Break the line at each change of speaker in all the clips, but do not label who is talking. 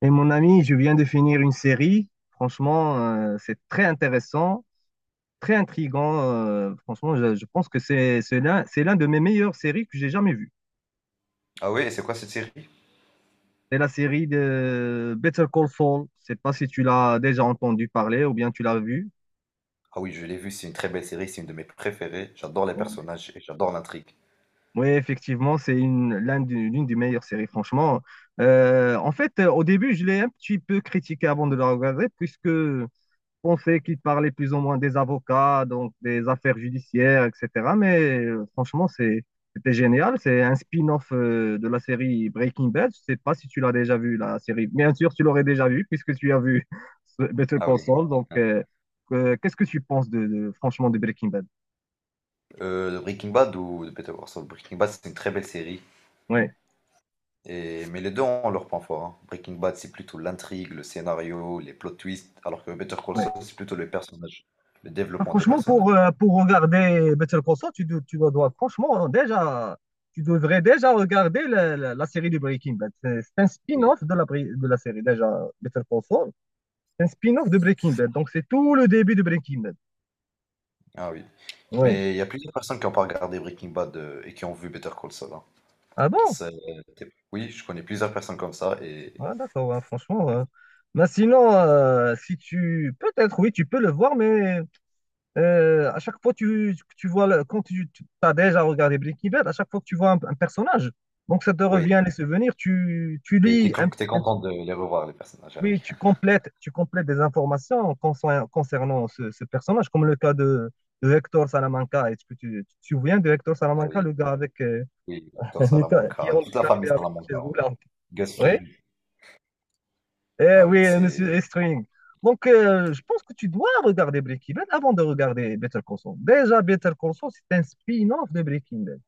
Et mon ami, je viens de finir une série. Franchement, c'est très intéressant, très intriguant. Franchement, je pense que c'est l'un de mes meilleures séries que j'ai jamais vues.
Ah oui, et c'est quoi cette série?
C'est la série de Better Call Saul. Je sais pas si tu l'as déjà entendu parler ou bien tu l'as vu.
Ah oui, je l'ai vue, c'est une très belle série, c'est une de mes préférées. J'adore les personnages et j'adore l'intrigue.
Oui, effectivement, c'est l'une des meilleures séries, franchement. Au début, je l'ai un petit peu critiqué avant de la regarder, puisque pensais qu'il parlait plus ou moins des avocats, donc des affaires judiciaires, etc. Mais franchement, c'était génial. C'est un spin-off de la série Breaking Bad. Je sais pas si tu l'as déjà vu, la série. Bien sûr, tu l'aurais déjà vu puisque tu as vu Better
Ah
Call
oui.
Saul. Qu'est-ce que tu penses franchement de Breaking Bad?
De Breaking Bad ou de Better Call Saul? Breaking Bad, c'est une très belle série.
Ouais,
Et... Mais les deux ont leur point fort, hein. Breaking Bad, c'est plutôt l'intrigue, le scénario, les plot twists, alors que Better Call
ouais.
Saul, c'est plutôt les personnages, le
Ah,
développement des
franchement,
personnages.
pour regarder Better Call Saul, franchement, hein, déjà, tu devrais déjà regarder la série de Breaking Bad. C'est un
Oui.
spin-off de de la série, déjà, Better Call Saul. C'est un spin-off de Breaking Bad. Donc, c'est tout le début de Breaking Bad.
Ah oui.
Oui.
Mais il y a plusieurs personnes qui n'ont pas regardé Breaking Bad et qui ont vu Better Call Saul, hein.
Ah bon?
Oui, je connais plusieurs personnes comme ça et
Ah, d'accord, ouais, franchement, ouais. Mais sinon, si tu, peut-être, oui, tu peux le voir, mais à chaque fois tu vois, quand tu, as déjà regardé Breaking Bad, à chaque fois que tu vois un personnage, donc ça te
oui,
revient les souvenirs, tu
et
lis
t'es
un petit,
content de les revoir, les personnages. Ah
oui,
oui.
tu complètes des informations concernant ce personnage, comme le cas de Hector Salamanca. Est-ce que tu te souviens de Hector
Ah
Salamanca,
oui,
le gars avec,
oui, Peter
le gars qui est
Salamanca, toute la
handicapé
famille
avec une
Salamanca
chaise
en vrai.
roulante?
Gus
Oui.
Fring,
Eh
ah oui,
oui, monsieur
c'est.
Estring. Donc, je pense que tu dois regarder Breaking Bad avant de regarder Better Call Saul. Déjà, Better Call Saul, c'est un spin-off de Breaking Bad.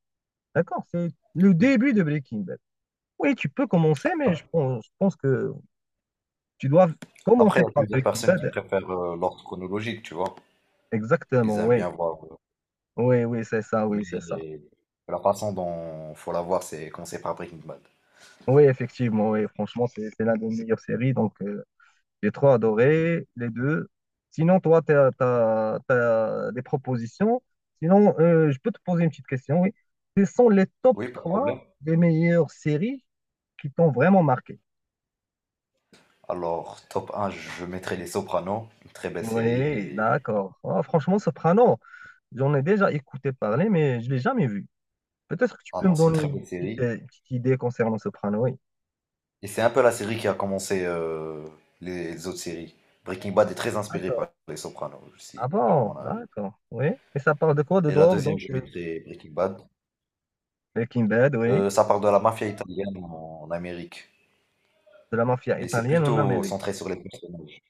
D'accord? C'est le
Oui.
début de Breaking Bad. Oui, tu peux commencer, mais
Ap-
je pense que tu dois
Après,
commencer
il y a
par
plusieurs
Breaking
personnes qui
Bad.
préfèrent l'ordre chronologique, tu vois. Ils
Exactement,
aiment
oui.
bien voir.
Oui, oui, c'est ça, oui, c'est ça.
Mais la façon dont faut la voir, c'est commencer par Breaking Bad.
Oui, effectivement, oui. Franchement, c'est l'un des meilleures séries. Donc, j'ai trop adoré les deux. Sinon, toi, tu as, des propositions. Sinon, je peux te poser une petite question, oui. Quels sont les top
Oui, pas de
3
problème.
des meilleures séries qui t'ont vraiment marqué?
Alors, top un, je mettrai Les Sopranos, une très belle série.
Oui,
Et...
d'accord. Ah, franchement, Soprano, j'en ai déjà écouté parler, mais je ne l'ai jamais vu. Peut-être que tu
Ah
peux
non,
me
c'est une
donner
très belle série.
une petite idée concernant Soprano, oui.
Et c'est un peu la série qui a commencé les autres séries. Breaking Bad est très inspiré
D'accord.
par Les Sopranos,
Ah
si tu me
bon,
demandes un avis.
d'accord. Oui. Et ça parle de quoi? De
Et la
drogue,
deuxième,
donc?
je mettrais Breaking Bad.
Breaking Bad, oui.
Ça parle de la mafia italienne en Amérique,
De la mafia
mais c'est
italienne en
plutôt
Amérique.
centré sur les personnages,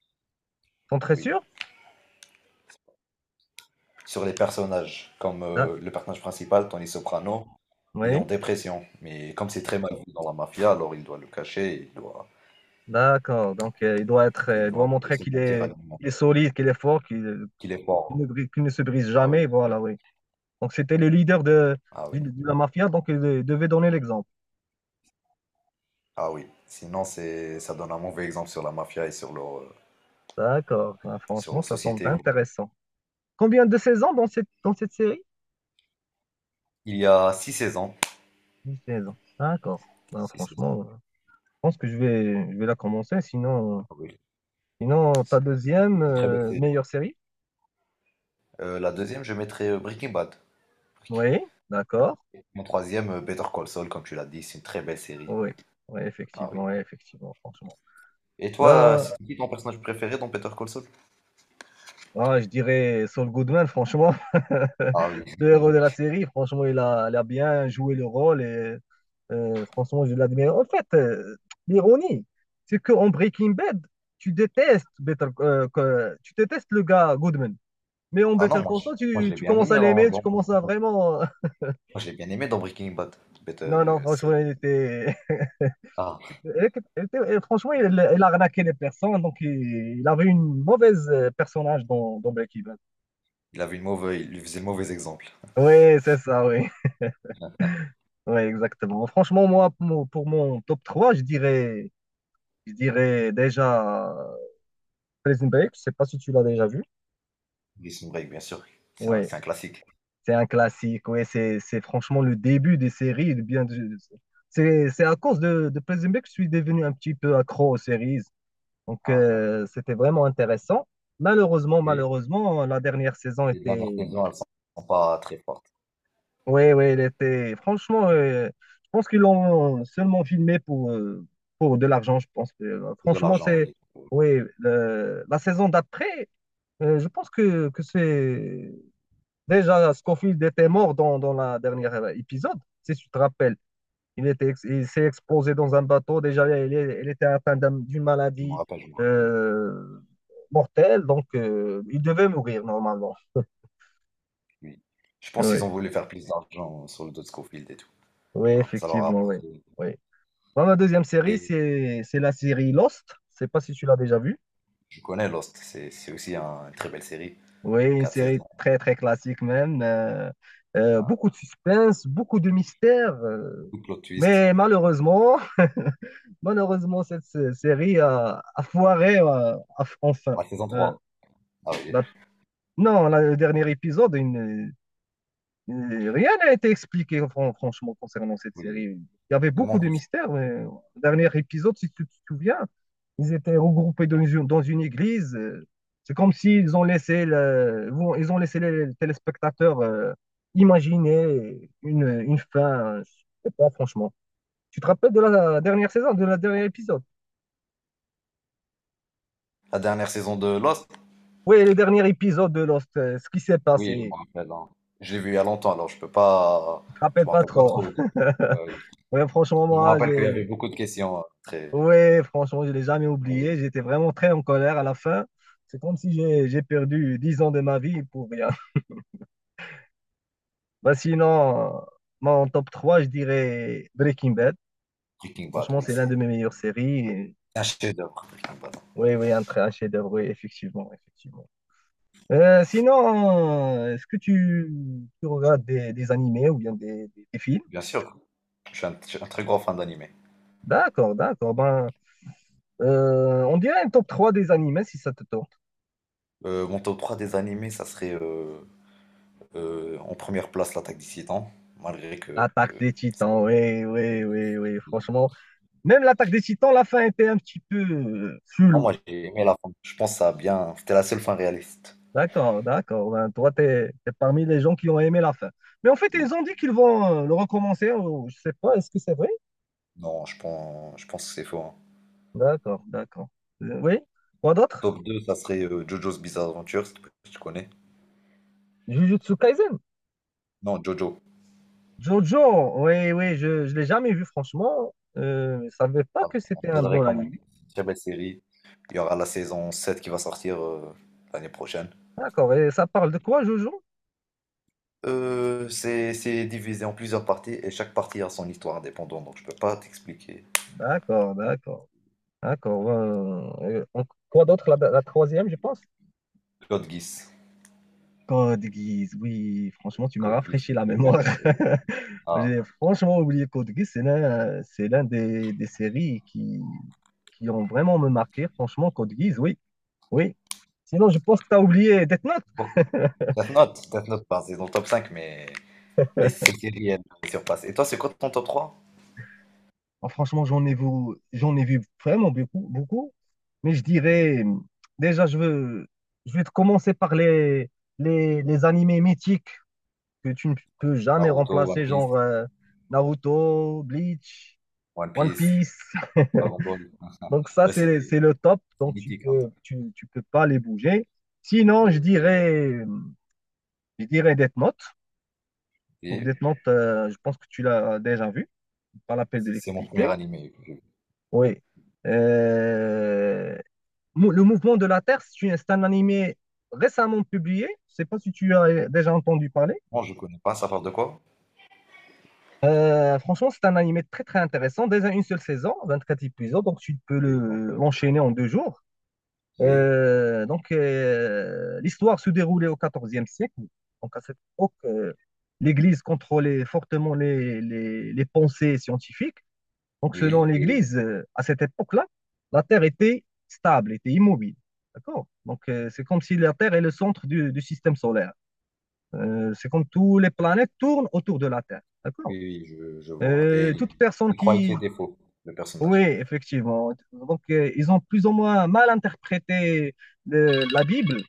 T'en très
oui,
sûr?
sur les personnages comme, le personnage principal, Tony Soprano, il est en
Oui,
dépression, mais comme c'est très mal vu dans la mafia, alors il doit le cacher, il doit
d'accord. Donc, il doit être,
il
il
doit
doit
un peu
montrer
se
qu'il
mentir à
est,
lui-même
il est solide, qu'il est fort,
qu'il est
qu'il ne,
fort.
qu'il ne se brise
Ah
jamais.
oui,
Voilà, oui. Donc, c'était le leader de,
ah oui,
de la mafia, donc il devait donner l'exemple.
ah oui. Sinon c'est ça donne un mauvais exemple sur la mafia et
D'accord. Ah,
sur
franchement,
leur
ça semble
société, quoi.
intéressant. Combien de saisons dans cette série?
Il y a 6 saisons,
10 saisons. D'accord. Ben,
6 saisons,
franchement, je pense que je vais la commencer.
ah oui,
Sinon ta
c'est
deuxième
c'est une très belle série.
meilleure série?
La deuxième, je mettrais Breaking Bad.
Oui, d'accord.
Mon troisième, Better Call Saul, comme tu l'as dit, c'est une très belle série.
Oui,
Ah oui.
oui, effectivement, franchement.
Et toi,
Là,
c'est qui ton personnage préféré dans Better Call Saul?
ah, je dirais Saul Goodman, franchement,
Ah oui.
le héros de la série, franchement, il a bien joué le rôle et franchement, je l'admire. En fait, l'ironie, c'est qu'en Breaking Bad, tu détestes tu détestes le gars Goodman, mais en
Ah non,
Better Call Saul,
moi, je l'ai
tu
bien
commences
aimé
à l'aimer, tu
dans
commences
Breaking
à
Bad.
vraiment.
Moi je l'ai bien aimé dans Breaking Bad.
Non, non,
Better Saul.
franchement, il était,
Ah,
il franchement, il a arnaqué les personnes, donc il avait une mauvaise personnage dans, dans Breaking Bad.
il lui faisait le mauvais exemple.
Oui, c'est ça, oui. Ouais, exactement. Franchement, moi, pour mon top 3 je dirais déjà Prison Break. Je sais pas si tu l'as déjà vu.
Prison Break, bien sûr.
Ouais,
C'est un classique.
c'est un classique. Ouais, c'est franchement le début des séries et c'est à cause de Prison Break que je suis devenu un petit peu accro aux séries. Donc,
Ah
c'était vraiment intéressant. Malheureusement,
oui.
malheureusement, la dernière saison
Les dernières
était,
saisons, elles sont sont pas très fortes.
oui, oui, il était. Franchement, je pense qu'ils l'ont seulement filmé pour de l'argent, je pense.
De
Franchement,
l'argent,
c'est.
oui.
Oui, la saison d'après, je pense que c'est. Déjà, Scofield était mort dans, dans la dernière épisode, si tu te rappelles. Il était, il s'est explosé dans un bateau. Déjà, il était atteint d'une
Je me
maladie
rappelle, je me rappelle.
euh, mortelle, donc il devait mourir normalement.
Oui. Je pense qu'ils
Oui,
ont voulu faire plus d'argent sur le dos de Scofield et tout.
oui,
Hein, ça leur a
effectivement, oui.
appartenu.
Oui. Moi, ma deuxième série,
Et
c'est la série Lost. Je sais pas si tu l'as déjà vue.
je connais Lost, c'est aussi une très belle série.
Oui, une
Quatre
série
saisons,
très, très classique même.
un-
Beaucoup de suspense, beaucoup de mystère.
beaucoup de plot twist.
Mais malheureusement, malheureusement, cette série a, a foiré enfin.
La saison
Euh,
trois. Ah oui,
la- non, le dernier épisode, rien n'a été expliqué franchement concernant cette série.
oui.
Il y avait
Il
beaucoup
manque
de
une-
mystères, mais, le dernier épisode, si tu te souviens. Ils étaient regroupés dans une église. C'est comme s'ils ont laissé ils ont laissé les téléspectateurs imaginer une fin. Je sais pas, franchement. Tu te rappelles de la dernière saison, de la dernier épisode?
La dernière saison de Lost,
Oui, le dernier épisode de Lost, ce qui s'est
oui, je me
passé.
rappelle, hein. Je l'ai vue il y a longtemps, alors je peux pas.
Je te
Je
rappelle
me
pas
rappelle pas
trop.
trop. Euh,
Ouais, franchement,
je me
moi,
rappelle qu'il y avait
j'ai...
beaucoup de questions très.
Ouais, franchement, je l'ai jamais oublié.
Oui,
J'étais vraiment très en colère à la fin. C'est comme si j'ai perdu 10 ans de ma vie pour rien. Bah sinon, moi, top 3 je dirais Breaking Bad.
Breaking Bad,
Franchement,
oui,
c'est l'un de
c'est
mes meilleures séries. Et-
un chef-d'œuvre, Breaking Bad.
oui, oui, un, un chef-d'œuvre, oui, effectivement, effectivement. Est-ce que tu regardes des animés ou bien des, des films?
Bien sûr, je suis un très grand fan d'anime.
D'accord, d'accord. Ben, on dirait un top 3 des animés si ça te tente.
Mon top 3 des animés, ça serait en première place l'attaque des Titans, malgré que
L'attaque des Titans, oui, oui, oui, oui, franchement. Même l'attaque des Titans, la fin était un petit peu
Non,
floue.
moi j'ai aimé la fin. Je pense que ça a bien. C'était la seule fin réaliste.
D'accord, d'accord. Ben, toi, tu es, parmi les gens qui ont aimé la fin. Mais en fait, ils
Oui.
ont dit qu'ils vont le recommencer, ou je sais pas, est-ce que c'est vrai?
Non, je pense que c'est faux, hein.
D'accord, d'accord. Oui, quoi d'autre?
Top 2 ça serait Jojo's Bizarre Adventure, si tu connais.
Jujutsu Kaisen.
Non, Jojo.
Jojo, oui, oui, je ne l'ai jamais vu, franchement. Je ne savais pas que
Pardon. Je
c'était un
te le
bon
recommande.
anime.
C'est une très belle série. Il y aura la saison 7 qui va sortir l'année prochaine.
D'accord, et ça parle de quoi, Jojo?
C'est divisé en plusieurs parties et chaque partie a son histoire indépendante, donc je peux pas t'expliquer.
D'accord, d'accord, d'accord. Et quoi d'autre? La troisième, je pense.
Code Geass.
Code Geass, oui, franchement, tu m'as
Code Geass,
rafraîchi
c'est une
la
très
mémoire.
belle série. Ah.
J'ai franchement oublié Code Geass, c'est l'un des séries qui ont vraiment me marqué. Franchement, Code Geass, oui, oui. Sinon, je pense que tu as oublié Death Note.
Bon. Death Note, Death Note, bah, c'est dans le top 5 mais les séries, elles me surpassent. Et toi, c'est quoi ton top 3?
Ah, franchement, j'en ai vu vraiment beaucoup, beaucoup. Mais je
Hmm.
dirais, déjà, je vais te commencer par les animés mythiques que tu ne peux jamais
Naruto, One
remplacer,
Piece,
genre Naruto, Bleach.
One
One
Piece,
Piece.
Dragon Ball.
Donc ça,
Ouais, c'est les...
c'est le top.
c'est
Donc
mythique, hein.
tu peux pas les bouger. Sinon,
Oui, oui.
je dirais Death Note. Donc
Et
Death Note, je pense que tu l'as déjà vu. Pas la peine de
c'est mon premier
l'expliquer.
animé. Je...
Oui. Euh, le mouvement de la Terre, c'est c'est un animé récemment publié. Je sais pas si tu as déjà entendu parler.
Moi, je connais pas, ça parle de quoi?
Franchement, c'est un animé très très intéressant. Déjà une seule saison, 24 épisodes, donc tu peux
Oui, donc,
l'enchaîner en deux jours.
oui,
L'histoire se déroulait au XIVe siècle. Donc, à cette époque, l'Église contrôlait fortement les pensées scientifiques. Donc, selon
oui, oui,
l'Église, à cette époque-là, la Terre était stable, était immobile. D'accord? Donc, c'est comme si la Terre est le centre du système solaire. C'est comme toutes les planètes tournent autour de la Terre. D'accord?
oui, je vois. Et
Toute personne
il croyait
qui,
qu'il était faux, le
oui,
personnage.
effectivement. Donc, ils ont plus ou moins mal interprété la Bible.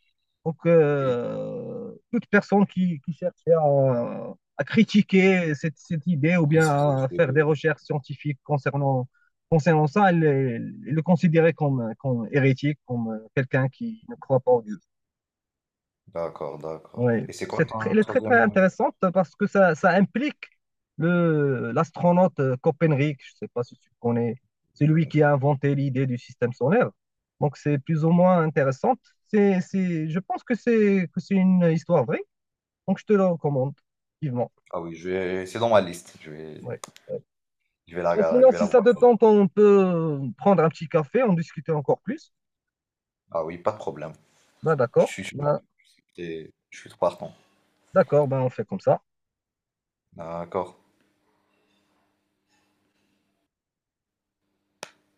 Donc,
Oui,
toute personne qui cherche à critiquer cette, cette idée ou
il
bien
se faisait
à faire des
tuer.
recherches scientifiques concernant, concernant ça, elle est considérée comme, comme hérétique, comme quelqu'un qui ne croit pas en Dieu.
D'accord,
Oui,
d'accord. Et c'est quoi
c'est
ton
très, elle est très très
troisième?
intéressante parce que ça implique le l'astronaute Copernic, je ne sais pas si tu connais, c'est
Je
lui
connais,
qui a inventé l'idée du système solaire. Donc c'est plus ou moins intéressante. Je pense que c'est une histoire vraie, donc je te la recommande vivement.
Ah oui, je vais... c'est dans ma liste.
Ouais.
Je vais la
Et
regarder,
sinon,
je vais
si
la
ça
voir.
te tente, on peut prendre un petit café, en discuter encore plus.
Ah oui, pas de problème.
Ben
Je
d'accord,
suis chaud.
ben,
Je suis partant.
d'accord, ben on fait comme ça.
D'accord.